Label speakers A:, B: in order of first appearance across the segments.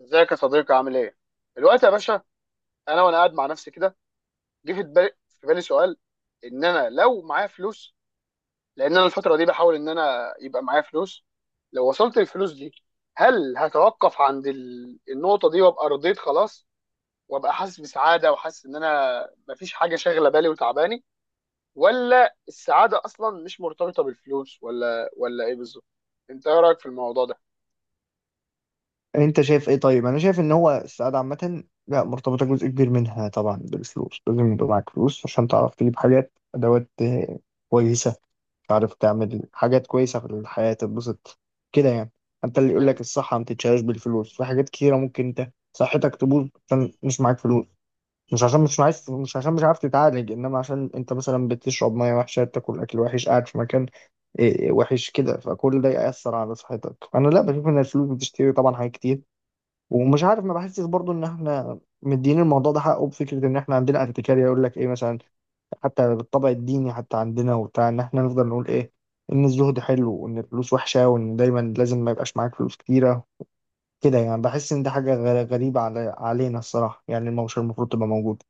A: ازيك يا صديقي، عامل ايه؟ دلوقتي يا باشا، وانا قاعد مع نفسي كده. جه في بالي، سؤال. ان انا لو معايا فلوس، لان انا الفتره دي بحاول ان انا يبقى معايا فلوس. لو وصلت الفلوس دي، هل هتوقف عند النقطه دي وابقى رضيت خلاص، وابقى حاسس بسعاده، وحاسس ان انا مفيش حاجه شاغله بالي وتعباني؟ ولا السعاده اصلا مش مرتبطه بالفلوس، ولا ايه بالظبط؟ انت ايه رايك في الموضوع ده؟
B: انت شايف ايه؟ طيب انا شايف ان هو السعاده عامه لا مرتبطه، جزء كبير منها طبعا بالفلوس. لازم يبقى معاك فلوس عشان تعرف تجيب حاجات، ادوات كويسه، تعرف تعمل حاجات كويسه في الحياه، تتبسط كده يعني. انت اللي يقول
A: مم.
B: لك الصحه ما تتشالش بالفلوس، في حاجات كتيره ممكن انت صحتك تبوظ عشان مش معاك فلوس. مش عشان مش عايز، مش عشان مش عارف تتعالج، انما عشان انت مثلا بتشرب ميه وحشه، بتاكل اكل وحش، قاعد في مكان وحش كده، فكل ده يأثر على صحتك. انا لا، بشوف ان الفلوس بتشتري طبعا حاجات كتير. ومش عارف، ما بحسش برضو ان احنا مدين الموضوع ده حقه، بفكره ان احنا عندنا اتكاليه، يقول لك ايه مثلا حتى بالطبع الديني حتى عندنا وبتاع، ان احنا نفضل نقول ايه، ان الزهد حلو وان الفلوس وحشه وان دايما لازم ما يبقاش معاك فلوس كتيره. كده يعني بحس ان ده حاجه غريبه على علينا الصراحه، يعني مش المفروض تبقى موجوده.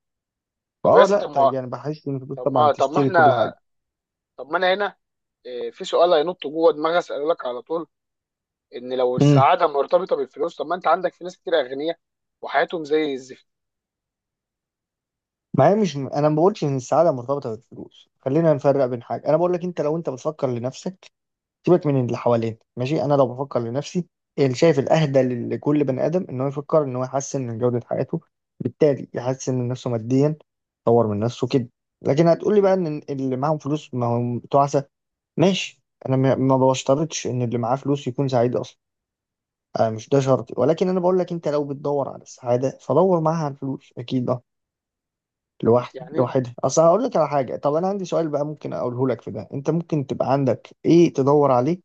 A: طب يا
B: فاه
A: اسطى،
B: لا يعني بحس ان الفلوس
A: طب
B: طبعا
A: ما طب ما
B: تشتري
A: احنا
B: كل حاجه.
A: طب ما انا هنا. في سؤال هينط جوه دماغي، اساله لك على طول. ان لو
B: امم.
A: السعاده مرتبطه بالفلوس، طب ما انت عندك في ناس كتير اغنياء وحياتهم زي الزفت.
B: ما هي مش انا ما بقولش ان السعاده مرتبطه بالفلوس، خلينا نفرق بين حاجه. انا بقول لك انت لو انت بتفكر لنفسك، سيبك من اللي حوالين، ماشي؟ انا لو بفكر لنفسي، اللي شايف الاهدى لكل بني ادم ان هو يفكر ان هو يحسن من جوده حياته، بالتالي يحسن من نفسه ماديا، يطور من نفسه كده. لكن هتقول لي بقى
A: م.
B: ان اللي معاهم فلوس ما هم تعسه، ماشي. انا ما بشترطش ان اللي معاه فلوس يكون سعيد اصلا، أنا مش ده شرطي. ولكن انا بقول لك انت لو بتدور على السعاده فدور معاها على الفلوس اكيد. اه، لوحد
A: يعني
B: لوحدها اصل، هقول لك على حاجه. طب انا عندي سؤال بقى ممكن اقوله لك في ده، انت ممكن تبقى عندك ايه تدور عليه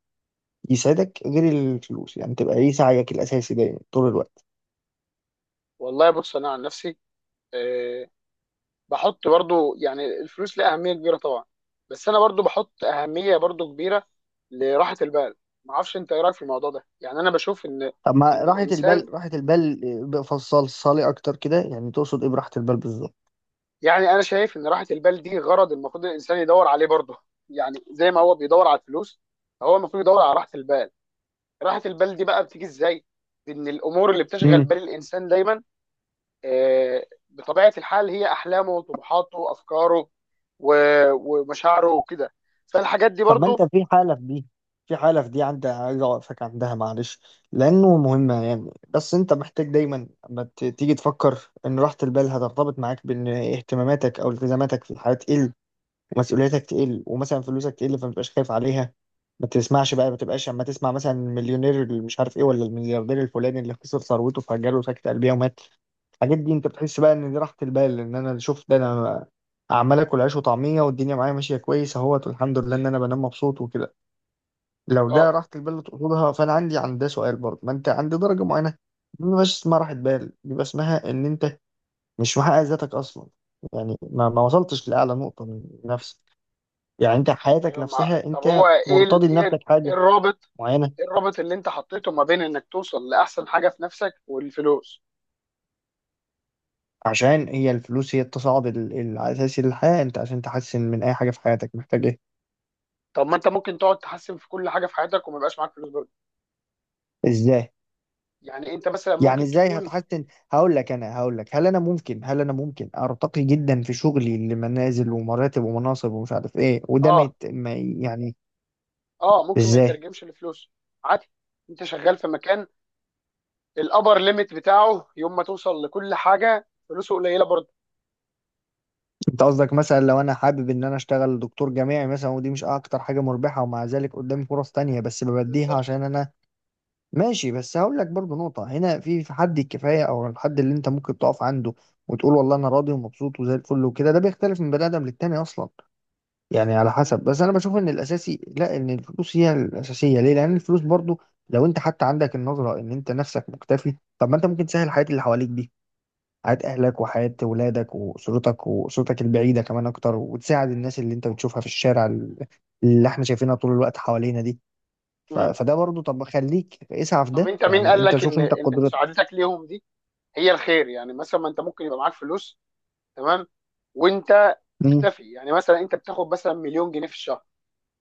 B: يسعدك غير الفلوس؟ يعني تبقى ايه سعيك الاساسي دايما طول الوقت؟
A: والله بص، انا عن نفسي، آه، بحط برضو يعني الفلوس لها اهميه كبيره طبعا، بس انا برضو بحط اهميه برضو كبيره لراحه البال. ما اعرفش انت ايه رايك في الموضوع ده، يعني انا بشوف ان
B: اما
A: ان
B: راحة البال،
A: الانسان،
B: راحة البال فصل صالي اكتر كده، يعني تقصد ايه براحة البال بالظبط؟
A: يعني انا شايف ان راحه البال دي غرض المفروض الانسان يدور عليه برضو، يعني زي ما هو بيدور على الفلوس، هو المفروض يدور على راحه البال. راحة البال دي بقى بتيجي ازاي؟ ان الامور اللي بتشغل
B: امم.
A: بال الانسان دايما، بطبيعة الحال، هي احلامه وطموحاته وافكاره ومشاعره وكده، فالحاجات دي
B: طب ما انت
A: برضو.
B: في حالة في دي، في حالة في دي عندك، عايز اوقفك عندها معلش لانه مهمة يعني. بس انت محتاج دايما اما تيجي تفكر ان راحة البال هترتبط معاك بان اهتماماتك او التزاماتك في الحياة تقل، ومسؤوليتك تقل، ومثلا فلوسك تقل فما تبقاش خايف عليها. ما تسمعش بقى، ما تبقاش اما تسمع مثلا المليونير اللي مش عارف ايه ولا الملياردير الفلاني اللي خسر ثروته فجاله سكتة قلبية ومات. الحاجات دي انت بتحس بقى ان دي راحة البال، ان انا شوف ده، انا عمال اكل عيش وطعمية والدنيا معايا ماشية كويس اهوت والحمد لله ان انا بنام مبسوط وكده. لو ده
A: اه،
B: راحة البال اللي تقصدها فانا عندي عند ده سؤال برضه. ما انت عند درجة معينة دي ما بيبقاش اسمها راحة بال، بيبقى اسمها ان انت مش محقق ذاتك اصلا. يعني ما وصلتش لأعلى نقطة من نفسك، يعني انت حياتك
A: ايوه.
B: نفسها
A: طب هو
B: انت
A: ايه ال...
B: مرتضي لنفسك حاجة معينة.
A: إيه الرابط اللي انت حطيته ما بين انك توصل لاحسن حاجة في نفسك والفلوس؟
B: عشان هي الفلوس هي التصاعد الاساسي للحياة، انت عشان تحسن من اي حاجة في حياتك محتاج ايه؟
A: طب ما انت ممكن تقعد تحسن في كل حاجة في حياتك وما يبقاش معاك فلوس برضه.
B: ازاي؟
A: يعني انت مثلا
B: يعني
A: ممكن
B: ازاي
A: تكون،
B: هتحسن؟ هقول لك، انا هقول لك، هل انا ممكن، هل انا ممكن ارتقي جدا في شغلي لمنازل ومراتب ومناصب ومش عارف ايه، وده ما
A: اه
B: يت- ما ي- يعني
A: اه ممكن ما
B: ازاي؟
A: يترجمش لفلوس. عادي. انت شغال في مكان، الابر ليميت بتاعه يوم ما توصل لكل حاجه، فلوسه قليله برضه.
B: انت قصدك مثلا لو انا حابب ان انا اشتغل دكتور جامعي مثلا، ودي مش اكتر حاجة مربحة، ومع ذلك قدامي فرص تانية بس ببديها
A: بالظبط.
B: عشان انا ماشي. بس هقول لك برضو نقطة هنا، في في حد الكفاية أو الحد اللي أنت ممكن تقف عنده وتقول والله أنا راضي ومبسوط وزي الفل وكده، ده بيختلف من بني آدم للتاني أصلا، يعني على حسب.
A: مم.
B: بس أنا بشوف إن الأساسي، لا إن الفلوس هي الأساسية، ليه؟ لأن الفلوس برضو لو أنت حتى عندك النظرة إن أنت نفسك مكتفي، طب ما أنت ممكن تسهل حياة اللي حواليك دي، حياة أهلك وحياة ولادك وأسرتك وأسرتك البعيدة كمان أكتر، وتساعد الناس اللي أنت بتشوفها في الشارع، اللي إحنا شايفينها طول الوقت حوالينا دي.
A: مم.
B: فده برضو، طب ما خليك اسعى في
A: طب
B: ده
A: انت مين
B: يعني،
A: قال
B: انت
A: لك
B: شوف
A: ان
B: انت
A: ان
B: قدرتك.
A: مساعدتك ليهم دي هي الخير؟ يعني مثلا ما انت ممكن يبقى معاك فلوس، تمام، وانت
B: مم.
A: مكتفي، يعني مثلا انت بتاخد مثلا مليون جنيه في الشهر،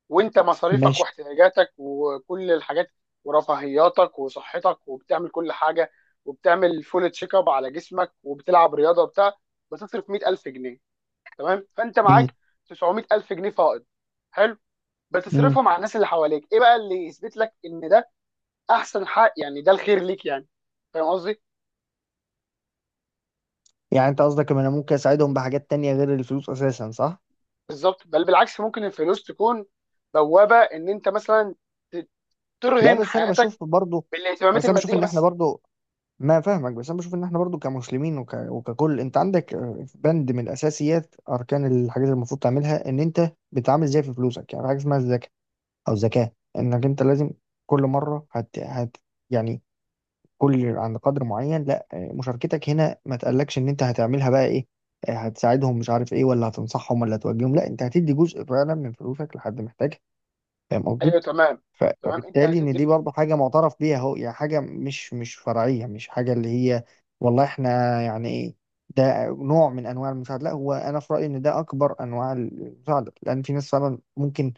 A: وانت مصاريفك
B: ماشي.
A: واحتياجاتك وكل الحاجات ورفاهياتك وصحتك وبتعمل كل حاجه، وبتعمل فول تشيك اب على جسمك وبتلعب رياضه وبتاع، بتصرف 100,000 جنيه، تمام، فانت
B: مم.
A: معاك 900,000 جنيه فائض. حلو.
B: مم.
A: بتصرفهم على الناس اللي حواليك. ايه بقى اللي يثبت لك ان ده احسن حق، يعني ده الخير ليك؟ يعني فاهم قصدي؟
B: يعني انت قصدك ان انا ممكن اساعدهم بحاجات تانية غير الفلوس اساسا، صح؟
A: بالظبط. بل بالعكس، ممكن الفلوس تكون بوابه ان انت مثلا ت-
B: لا
A: ترهن
B: بس انا
A: حياتك
B: بشوف برضو،
A: بالاهتمامات
B: بس انا بشوف
A: الماديه
B: ان احنا
A: بس.
B: برضو، ما فاهمك، بس انا بشوف ان احنا برضو كمسلمين وككل، انت عندك بند من اساسيات اركان الحاجات اللي المفروض تعملها ان انت بتتعامل ازاي في فلوسك، يعني حاجه اسمها الزكاه، او زكاه، انك انت لازم كل مره يعني كل عند قدر معين لا مشاركتك هنا ما تقلقش ان انت هتعملها بقى ايه، هتساعدهم مش عارف ايه، ولا هتنصحهم، ولا هتوجههم، لا انت هتدي جزء فعلا من فلوسك لحد محتاجها، فاهم قصدي؟
A: ايوه، تمام، تمام. انت
B: فبالتالي ان
A: هتدي
B: دي
A: ف-
B: برضه حاجه معترف بيها اهو، يعني حاجه مش فرعيه، مش حاجه اللي هي والله احنا يعني ايه. ده نوع من انواع المساعده، لا هو انا في رايي ان ده اكبر انواع المساعده، لان في ناس فعلا ممكن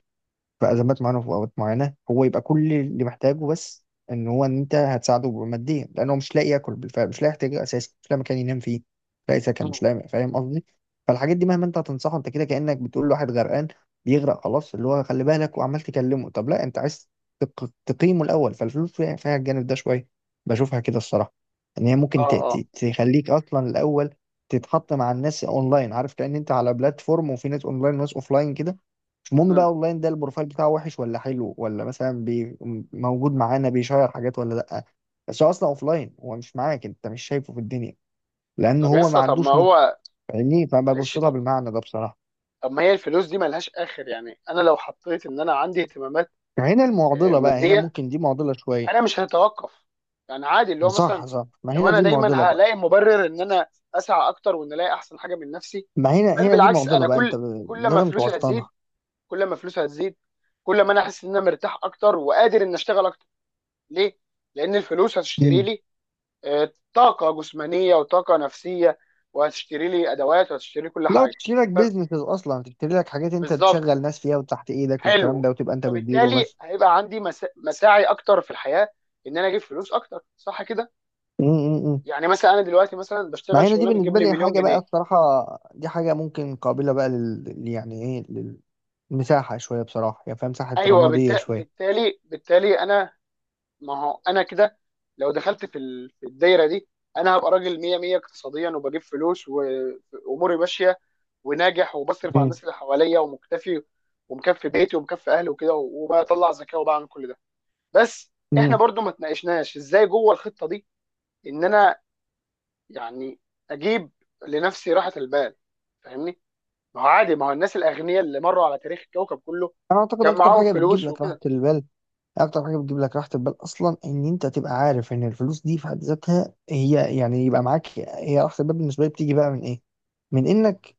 B: في ازمات معينه وفي اوقات معينه هو يبقى كل اللي محتاجه بس ان هو ان انت هتساعده ماديا، لان هو مش لاقي ياكل بالفعل، مش لاقي يحتاجه اساسا، مش لاقي مكان ينام فيه، مش لاقي سكن، مش
A: مم.
B: لاقي، فاهم قصدي؟ فالحاجات دي مهما انت هتنصحه، انت كده كانك بتقول لواحد غرقان بيغرق خلاص، اللي هو خلي بالك، وعمال تكلمه، طب لا انت عايز تقيمه الاول. فالفلوس فيها، فيها الجانب ده شويه، بشوفها كده الصراحه. ان هي ممكن
A: اه، اه.
B: تخليك اصلا الاول تتحط مع الناس اونلاين، عارف كأن انت على بلاتفورم وفي ناس اونلاين وناس اوفلاين كده، مش مهم بقى
A: مم.
B: اونلاين ده البروفايل بتاعه وحش ولا حلو ولا مثلا بي موجود معانا بيشير حاجات ولا لا، بس هو اصلا اوفلاين، هو مش معاك، انت مش شايفه في الدنيا لان
A: طب
B: هو
A: يس
B: ما
A: طب ما
B: عندوش نت،
A: هو
B: فاهمني؟ فببص
A: معلش،
B: لها
A: طب
B: بالمعنى ده بصراحه.
A: طب ما هي الفلوس دي ملهاش اخر. يعني انا لو حطيت ان انا عندي اهتمامات
B: يعني هنا المعضله بقى، هنا
A: ماديه،
B: ممكن دي معضله شويه.
A: انا مش هتوقف، يعني عادي اللي هو مثلا
B: صح صح، ما
A: لو
B: هنا
A: انا
B: دي
A: دايما
B: معضله بقى،
A: هلاقي مبرر ان انا اسعى اكتر وان الاقي احسن حاجه من نفسي.
B: ما هنا
A: بل
B: هنا دي
A: بالعكس،
B: معضله
A: انا
B: بقى.
A: كل كل ما
B: لازم
A: فلوسي هتزيد،
B: توسطنها.
A: كل ما فلوسي هتزيد كل ما انا احس ان انا مرتاح اكتر وقادر ان اشتغل اكتر. ليه؟ لان الفلوس هتشتري
B: مم.
A: لي طاقه جسمانيه وطاقه نفسيه، وهتشتري لي ادوات، وهتشتري لي كل
B: لو
A: حاجه.
B: تشتري لك بيزنس اصلا، تشتري لك حاجات انت
A: فبالظبط،
B: تشغل ناس فيها وتحت ايدك والكلام
A: حلو.
B: ده وتبقى انت بتديره
A: فبالتالي
B: بس.
A: هيبقى عندي مساعي اكتر في الحياه، ان انا اجيب فلوس اكتر، صح كده؟
B: مم. مم.
A: يعني مثلا انا دلوقتي مثلا بشتغل
B: ما هنا دي
A: شغلانه بتجيب
B: بالنسبة
A: لي
B: لي
A: مليون
B: حاجة بقى
A: جنيه.
B: الصراحة، دي حاجة ممكن قابلة بقى يعني ايه، للمساحة شوية بصراحة يعني، فاهم؟ مساحة
A: ايوه،
B: رمادية شوية.
A: بالتالي انا، ما هو انا كده لو دخلت في الدايره دي، انا هبقى راجل 100 100 اقتصاديا، وبجيب فلوس واموري ماشيه وناجح، وبصرف على
B: مم.
A: الناس اللي حواليا ومكتفي ومكفي بيتي ومكفي اهلي وكده، وبطلع زكاه وبعمل كل ده. بس احنا
B: مم.
A: برضو ما تناقشناش ازاي جوه الخطه دي ان انا يعني اجيب لنفسي راحه البال. فاهمني؟ ما هو عادي، ما هو الناس الاغنياء اللي مروا على تاريخ الكوكب كله
B: انا اعتقد
A: كان
B: اكتر
A: معاهم
B: حاجة بتجيب
A: فلوس
B: لك راحة
A: وكده.
B: البال، اكتر حاجة بتجيب لك راحة البال اصلا ان انت تبقى عارف ان الفلوس دي في حد ذاتها هي يعني يبقى معاك، هي راحة البال بالنسبة لي بتيجي بقى من ايه؟ من انك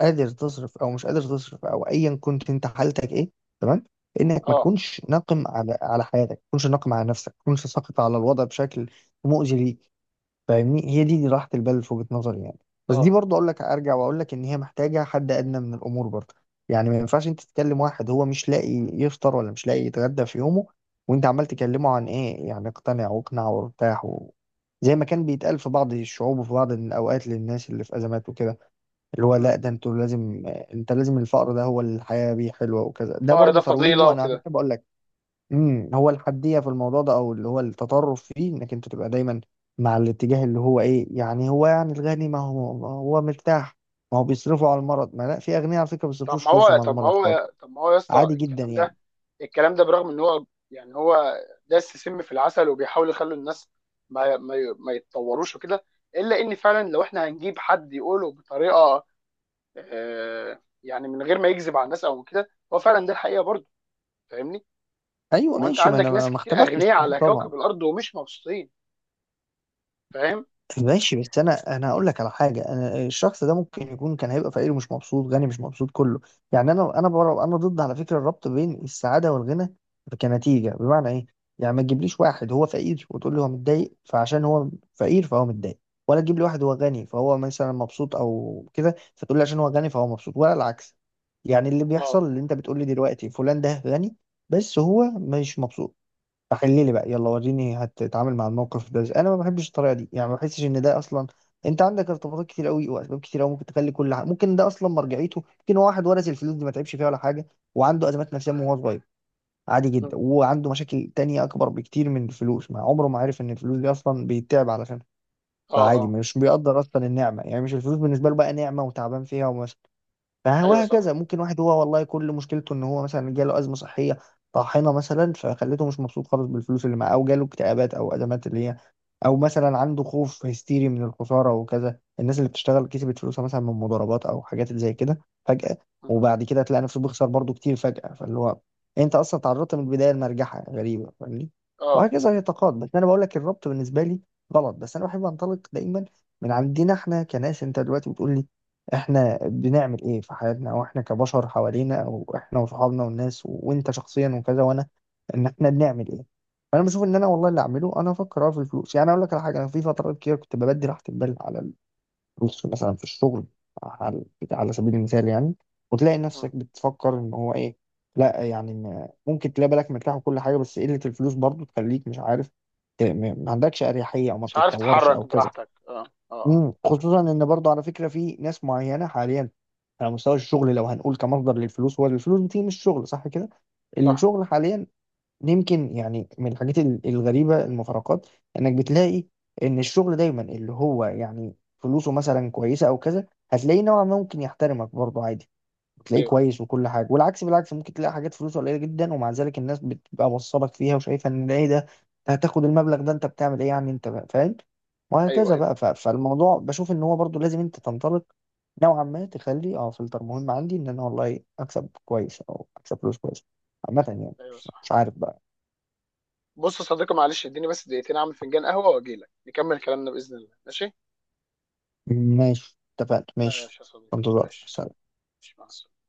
B: قادر تصرف او مش قادر تصرف او ايا كنت انت حالتك ايه، تمام، انك ما
A: اه،
B: تكونش ناقم على حياتك، ما تكونش ناقم على نفسك، ما تكونش ساخط على الوضع بشكل مؤذي ليك، فاهمني؟ هي دي راحة البال في وجهة نظري يعني. بس دي
A: اه.
B: برضه اقول لك، ارجع واقول لك ان هي محتاجة حد ادنى من الامور برضه. يعني ما ينفعش انت تتكلم واحد هو مش لاقي يفطر ولا مش لاقي يتغدى في يومه، وانت عمال تكلمه عن ايه، يعني اقتنع واقنع وارتاح زي ما كان بيتقال في بعض الشعوب وفي بعض الاوقات للناس اللي في ازمات وكده، اللي هو لا ده
A: م.
B: انتوا لازم، انت لازم الفقر ده هو الحياة بيه حلوة وكذا، ده
A: الفقر
B: برضو
A: ده فضيله
B: ترويجه. انا عشان
A: وكده.
B: كده بقول لك، امم، هو الحدية في الموضوع ده او اللي هو التطرف فيه انك انت تبقى دايما مع الاتجاه اللي هو ايه، يعني هو، يعني الغني ما هو مرتاح، ما هو بيصرفوا على المرض، ما لا، في اغنياء على فكرة ما بيصرفوش فلوسهم على المرض خالص،
A: طب ما هو يا اسطى،
B: عادي جدا
A: الكلام
B: يعني.
A: ده، برغم ان هو، يعني داس سم في العسل، وبيحاول يخلي الناس ما يتطوروش وكده. الا ان فعلا، لو احنا هنجيب حد يقوله بطريقه، يعني، من غير ما يكذب على الناس او كده، هو فعلا ده الحقيقه برضه. فاهمني؟
B: ايوه
A: ما هو انت
B: ماشي، ما
A: عندك
B: انا
A: ناس
B: ما
A: كتير
B: اختلفتش
A: اغنياء
B: في حد
A: على
B: طبعا.
A: كوكب الارض ومش مبسوطين. فاهم؟
B: ماشي بس انا هقول لك على حاجه، انا الشخص ده ممكن يكون كان هيبقى فقير ومش مبسوط، غني مش مبسوط، كله يعني. انا بره، انا ضد على فكره الربط بين السعاده والغنى كنتيجه. بمعنى ايه؟ يعني ما تجيبليش واحد هو فقير وتقول لي هو متضايق فعشان هو فقير فهو متضايق، ولا تجيب لي واحد هو غني فهو مثلا مبسوط او كده فتقول لي عشان هو غني فهو مبسوط، ولا العكس. يعني اللي
A: اه.
B: بيحصل اللي انت بتقول لي دلوقتي، فلان ده غني بس هو مش مبسوط، فخلي لي بقى يلا وريني هتتعامل مع الموقف ده ازاي. انا ما بحبش الطريقه دي يعني، ما بحسش ان ده اصلا، انت عندك ارتباطات كتير قوي واسباب كتير قوي ممكن تخلي كل حاجه، ممكن ده اصلا مرجعيته ممكن واحد ورث الفلوس دي ما تعبش فيها ولا حاجه، وعنده ازمات نفسيه من وهو صغير، عادي
A: مم.
B: جدا، وعنده مشاكل تانية اكبر بكتير من الفلوس، ما عمره ما عرف ان الفلوس دي اصلا بيتعب علشانها،
A: اه،
B: فعادي
A: اه.
B: مش بيقدر اصلا النعمه، يعني مش الفلوس بالنسبه له بقى نعمه وتعبان فيها.
A: ايوه،
B: فهكذا
A: صح.
B: ممكن واحد هو والله كل مشكلته ان هو مثلا جاله ازمه صحيه طاحنه مثلا فخلته مش مبسوط خالص بالفلوس اللي معاه، او جاله اكتئابات او ازمات اللي هي، او مثلا عنده خوف هستيري من الخساره وكذا، الناس اللي بتشتغل كسبت فلوسها مثلا من مضاربات او حاجات زي كده فجاه،
A: مم.
B: وبعد كده تلاقي نفسه بيخسر برضه كتير فجاه، فاللي هو انت اصلا تعرضت من البدايه لمرجحه غريبه، فاهمني؟
A: اه.
B: وهكذا يتقاد. بس انا بقول لك الربط بالنسبه لي غلط. بس انا بحب انطلق دايما من عندنا احنا كناس، انت دلوقتي بتقول لي احنا بنعمل ايه في حياتنا، او احنا كبشر حوالينا او احنا وصحابنا والناس وانت شخصيا وكذا وانا، ان احنا بنعمل ايه. فانا بشوف ان انا والله
A: مم.
B: اللي اعمله، انا افكر أه في الفلوس. يعني اقول لك على حاجه، انا في فترات كتير كنت ببدي راحه البال على الفلوس، مثلا في الشغل، على على سبيل المثال يعني، وتلاقي
A: مم.
B: نفسك بتفكر ان هو ايه، لا يعني ممكن تلاقي بالك مرتاح وكل حاجه بس قله الفلوس برضو تخليك مش عارف ما عندكش اريحيه او ما
A: مش عارف
B: بتتطورش
A: تتحرك
B: او كذا.
A: براحتك. اه، اه، اه.
B: مم. خصوصا ان برضه على فكره في ناس معينه حاليا على مستوى الشغل، لو هنقول كمصدر للفلوس هو الفلوس بتيجي من الشغل صح كده،
A: صح.
B: الشغل حاليا يمكن يعني من الحاجات الغريبه المفارقات انك بتلاقي ان الشغل دايما اللي هو يعني فلوسه مثلا كويسه او كذا هتلاقيه نوعا ما ممكن يحترمك برضه عادي، تلاقيه
A: ايوه،
B: كويس وكل حاجه، والعكس بالعكس ممكن تلاقي حاجات فلوسه قليله جدا ومع ذلك الناس بتبقى موصلك فيها وشايفه ان ايه ده، أنت هتاخد المبلغ ده انت بتعمل ايه يعني، انت بقى فاهم،
A: ايوه،
B: وهكذا
A: ايوه،
B: بقى. فالموضوع بشوف ان هو برضو لازم انت تنطلق نوعا ما، تخلي اه فلتر مهم عندي ان انا والله اكسب كويس او اكسب فلوس كويس عامه يعني،
A: ايوه.
B: مش
A: صح.
B: مش عارف بقى.
A: بص يا صديقي، معلش اديني بس دقيقتين اعمل فنجان قهوه واجي لك نكمل كلامنا باذن الله. ماشي.
B: ماشي اتفقنا، ماشي.
A: ماشي يا صديقي،
B: انتظار.
A: ماشي.
B: سلام.
A: ماشي، مع السلامه.